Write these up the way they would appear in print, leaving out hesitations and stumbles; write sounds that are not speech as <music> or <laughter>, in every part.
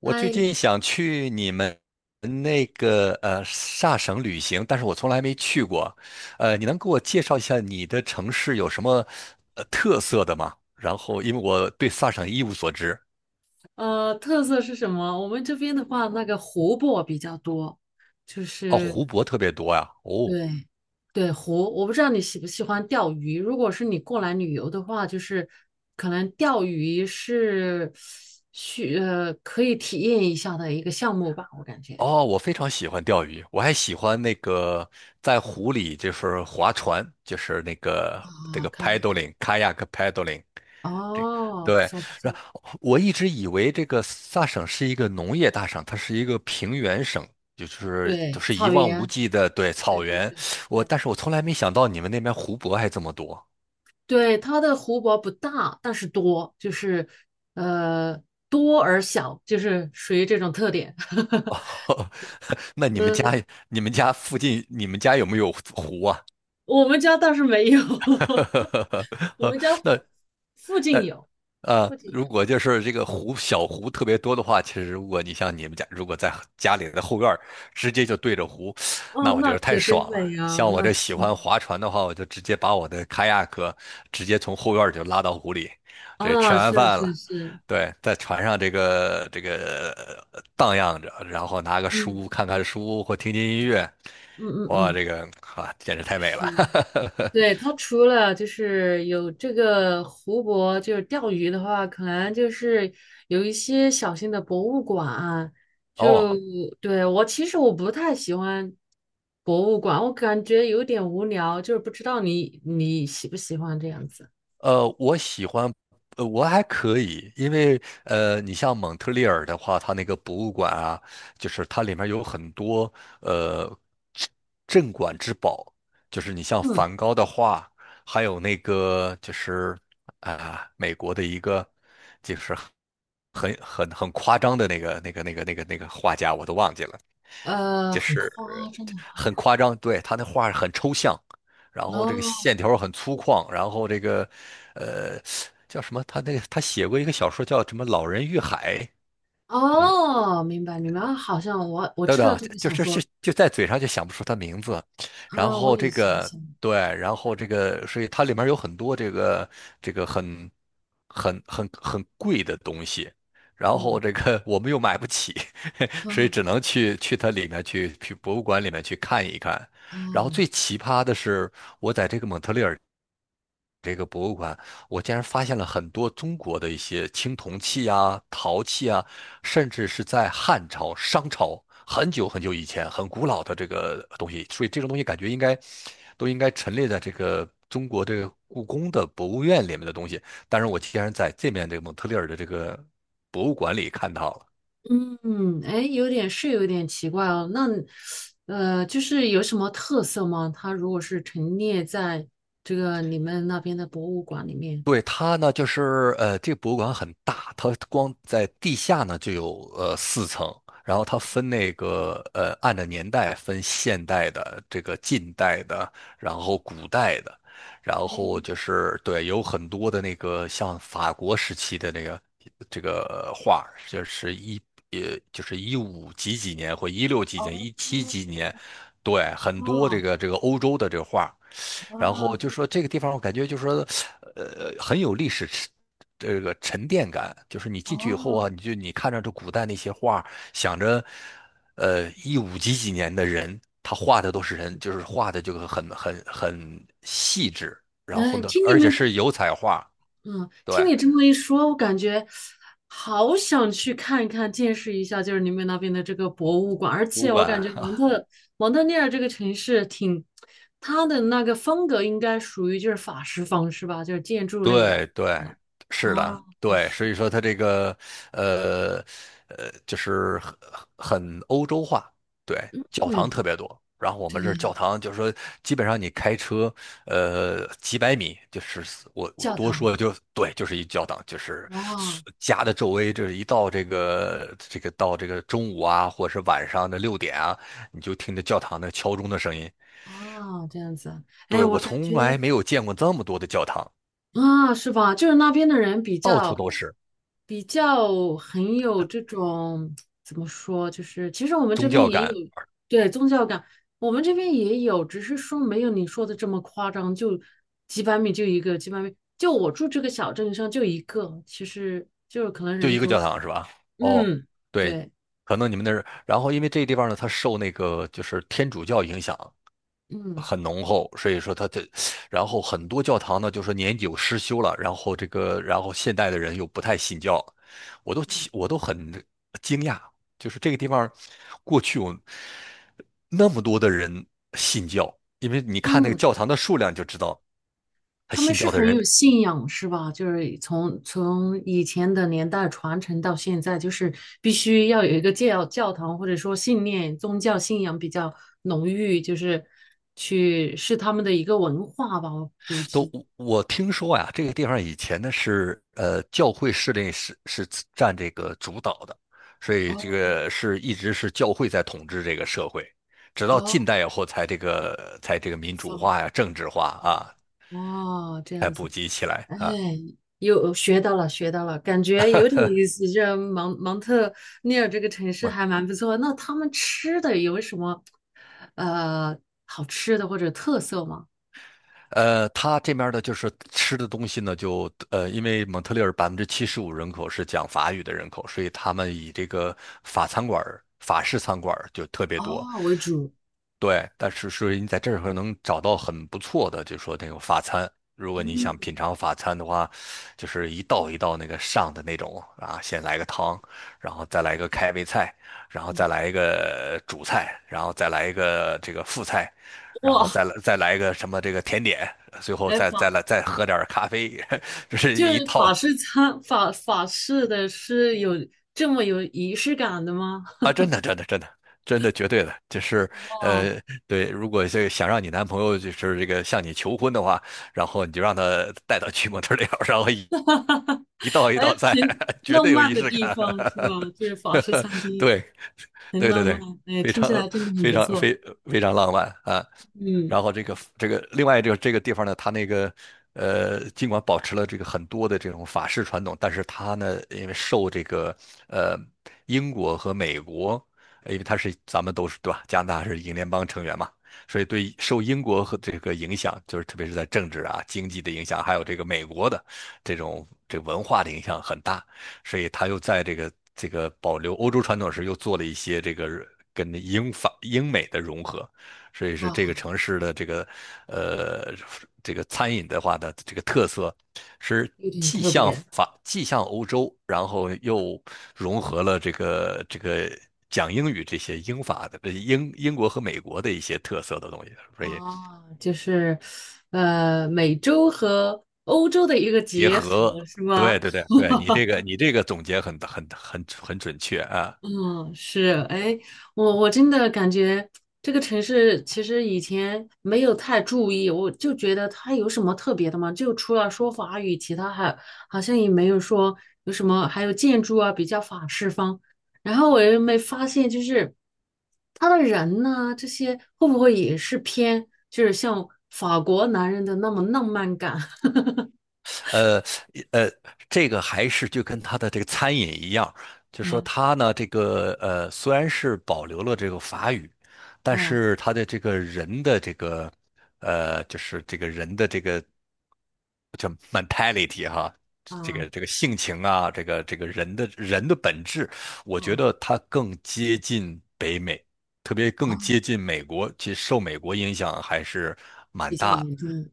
我最嗨，近想去你们萨省旅行，但是我从来没去过。你能给我介绍一下你的城市有什么特色的吗？然后，因为我对萨省一无所知。特色是什么？我们这边的话，那个湖泊比较多，就哦，是湖泊特别多呀。哦，对对湖。我不知道你喜不喜欢钓鱼。如果是你过来旅游的话，就是可能钓鱼是可以体验一下的一个项目吧，我感觉哦，我非常喜欢钓鱼，我还喜欢那个在湖里就是划船，就是那个这啊，个 可以可以。 paddling kayak paddling。这哦，不对，错不然错，后我一直以为这个萨省是一个农业大省，它是一个平原省，就是就对是一草望无原，际的对对草对原。对我对。但是我从来没想到你们那边湖泊还这么多。对，它的湖泊不大，但是多，就是呃多而小，就是属于这种特点。<laughs> <laughs> 哦，那你们家嗯，你们家附近你们家有没有湖啊？我们家倒是没有，<laughs> 我 <laughs> 们家那附那近有，呃，附近如有。果就是这个湖小湖特别多的话，其实如果你像你们家，如果在家里的后院儿直接就对着湖，哦，那我觉那得太可真爽了。美呀、像我那这喜欢挺划船的话，我就直接把我的开亚克直接从后院儿就拉到湖里，这吃啊，完是饭是了，是。对，在船上荡漾着，然后拿个嗯书看看书或听听音乐，嗯嗯哇，嗯，啊简直太美了。是。对，<laughs> 它除了就是有这个湖泊，就是钓鱼的话，可能就是有一些小型的博物馆啊。哦，就对，我其实我不太喜欢博物馆，我感觉有点无聊，就是不知道你喜不喜欢这样子。我喜欢，我还可以，因为你像蒙特利尔的话，它那个博物馆啊，就是它里面有很多呃镇镇馆之宝，就是你像嗯，梵高的画，还有那个就是啊、美国的一个就是很夸张的那个画家，我都忘记了，就很是夸张的。很夸张，对，他那画很抽象，然后这个哦线条很粗犷，然后呃叫什么？他写过一个小说叫什么《老人与海》，哦，明白明白，啊好像我等知等道啊，这个就小就是说。就在嘴上就想不出他名字，然啊，我后也想起来了。对，所以它里面有很多这个很贵的东西，然嗯后我们又买不起，<laughs> 所以嗯。只能去它里面去博物馆里面去看一看。然后最哦。奇葩的是，我在这个蒙特利尔这个博物馆，我竟然发现了很多中国的一些青铜器啊、陶器啊，甚至是在汉朝、商朝很久很久以前、很古老的这个东西，所以这种东西感觉应该都应该陈列在这个中国这个故宫的博物院里面的东西。但是我竟然在这边这个蒙特利尔的这个博物馆里看到了。嗯，哎，有点是有点奇怪哦。那，就是有什么特色吗？它如果是陈列在这个你们那边的博物馆里面。对，它呢，就是这个博物馆很大，它光在地下呢就有4层，然后它分按照年代分现代的、近代的，然后古代的，然后哎，就是对，有很多的那个像法国时期的这个画儿就是一五几几年或一六几几哦，年、一七几几年，对，很多这哦，个这个欧洲的这个画儿，然哇，后就说这个地方，我感觉就说，很有历史沉这个沉淀感。就是你进去以后哦，啊，你看着这古代那些画，想着，一五几几年的人，他画的都是人，就是画的就个很细致。然后哎，呢，听你而且们是油彩画，嗯，对，听你这么一说，我感觉好想去看一看、见识一下，就是你们那边的这个博物馆。而博物且我感馆。觉蒙特利尔这个城市挺，它的那个风格应该属于就是法式风，是吧？就是建筑类的。对对，啊是的，啊，对，所是，以说它这个呃就是很欧洲化，对，教堂嗯，特别多。然后我们这儿教对，堂就是说，基本上你开车几百米，就是我教多堂，说就对，就是一教堂，就是哇。家的周围，是一到这个中午啊，或者是晚上的6点啊，你就听着教堂的敲钟的声音。啊，这样子。哎，对，我我感从来觉。没有见过这么多的教堂，啊，是吧？就是那边的人比到处较都是比较很有这种怎么说，就是其实我们这宗边教也感。有。对宗教感，我们这边也有，只是说没有你说的这么夸张，就几百米就一个，几百米就我住这个小镇上就一个，其实就是可能就人一个口教少。堂是吧？哦，嗯，对，对，可能你们那儿，然后因为这个地方呢，它受天主教影响嗯很浓厚，所以说它这，然后很多教堂呢，就说年久失修了，然后现代的人又不太信教，我都很惊讶，就是这个地方过去有那么多的人信教，因为你看那个嗯。教堂的数量就知道，他他们信是教的很人有信仰，是吧？就是从以前的年代传承到现在，就是必须要有一个教堂，或者说信念、宗教信仰比较浓郁，就是去是他们的一个文化吧，我估都，计。我听说呀，这个地方以前呢是教会势力是占这个主导的，所以哦一直是教会在统治这个社会，直到近哦，代以后才这个才这个开民主放，化呀、政治化嗯。啊，哦，这才样普子。及起来哎，啊。有学到了，学到了，感觉有点意思。这蒙特利尔这个城市还蛮不错。那他们吃的有什么呃好吃的或者特色吗？他这边的就是吃的东西呢，就因为蒙特利尔75%人口是讲法语的人口，所以他们以这个法式餐馆儿就特别多。啊，为主。对，但是你在这儿能找到很不错的，就说那种法餐。如果你想嗯，品尝法餐的话，就是一道一道那个上的那种啊，先来个汤，然后再来一个开胃菜，然后再来一个主菜，然后再来一个这个副菜，然后哇，再来一个什么这个甜点，最后哎再再来再喝点儿咖啡，<laughs> 就是就一是套法式餐法式的是有这么有仪式感的吗？啊。真的，真的，真的，真的，绝对的，就是哇，呃，对，如果想让你男朋友就是向你求婚的话，然后你就让他带到去模特儿店，然后一一道一哎，道菜，挺 <laughs> 绝浪对有漫仪的式地感。方是吧？就是法式餐 <laughs> 厅对，很对对浪漫。对，哎，非听起常来真的很非不常错。非非常浪漫啊。嗯，然后另外这个地方呢，它尽管保持了这个很多的这种法式传统，但是它呢，因为受这个呃英国和美国，因为它是咱们都是对吧？加拿大是英联邦成员嘛，所以对，受英国和这个影响，就是特别是在政治啊、经济的影响，还有这个美国的这文化的影响很大，所以他又在这个保留欧洲传统时，又做了一些跟英法英美的融合，所以是这个哇，城市的呃这个餐饮的话的这个特色，是有点特别。既像欧洲，然后又融合了这个讲英语这些英法的英国和美国的一些特色的东西。所以哦，就是，美洲和欧洲的一个结结合，合。是对吗？对对 <laughs> 对，你这个总结很准确啊！嗯，是。对，哎，我真的感觉这个城市其实以前没有太注意，我就觉得它有什么特别的吗？就除了说法语，其他还好像也没有说有什么，还有建筑啊，比较法式风。然后我又没发现，就是他的人呢，这些会不会也是偏，就是像法国男人的那么浪漫感？呃呃，这个还是就跟他的这个餐饮一样，就说嗯他呢，虽然是保留了这个法语，但嗯是他的这个人的这个叫 mentality 哈，这个啊这个性情啊，这个人的本质，我觉哦得他更接近北美，特别更啊，接近美国，其实受美国影响还是蛮比较大。严重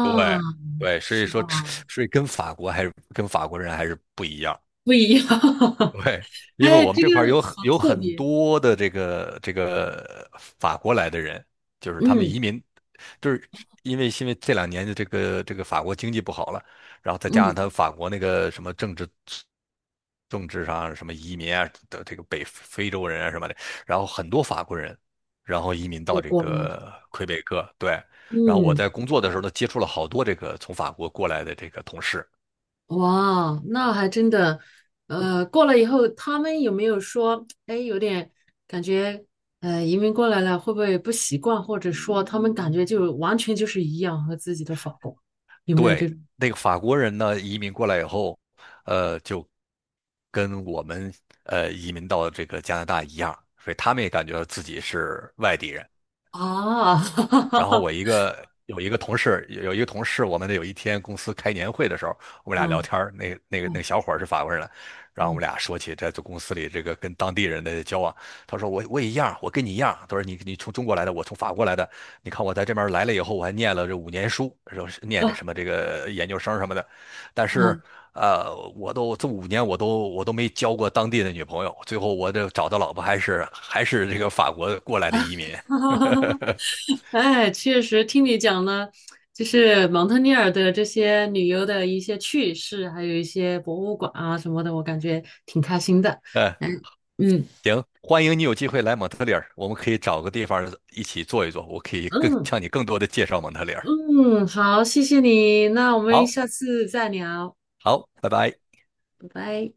对对，所以是吧？说吃所以跟法国还是跟法国人还是不一样。不一样，<laughs> 对，因为哎，我们这这个块儿好有特很别。多的这个法国来的人，就是他们嗯移民，就是因为这2年的这个法国经济不好了，然后再加上嗯，他法国那个什么政治上什么移民啊的这个北非洲人啊什么的，然后很多法国人，然后移民就到这过来了。个魁北克，对，然后我嗯，在工作的时候呢，接触了好多这个从法国过来的这个同事。哇，那还真的，过来以后，他们有没有说，哎，有点感觉，移民过来了会不会不习惯，或者说他们感觉就完全就是一样和自己的法国，有没有这对，种那个法国人呢，移民过来以后，就跟我们移民到这个加拿大一样，所以他们也感觉到自己是外地人。啊？然后我 <laughs> 一个有一个同事，有有一个同事，我们有一天公司开年会的时候，我们俩聊嗯天儿，那个那个那嗯个小伙儿是法国人，然后我们嗯俩说起在这公司里跟当地人的交往，他说我也一样，我跟你一样，他说你从中国来的，我从法国来的，你看我在这边来了以后，我还念了这五年书，然是念的啊。什么这个研究生什么的，但是，嗯。这五年我都没交过当地的女朋友，最后我这找的老婆还是这个法国过来的移民。<laughs> 哈哈哈！<laughs> 哈哎，确实听你讲了，就是蒙特利尔的这些旅游的一些趣事，还有一些博物馆啊什么的，我感觉挺开心的。呃嗯嗯行，欢迎你有机会来蒙特利尔，我们可以找个地方一起坐一坐，我可以更嗯向你更多的介绍蒙特利尔。嗯，好，谢谢你，那我们好，下次再聊，好，拜拜。拜拜。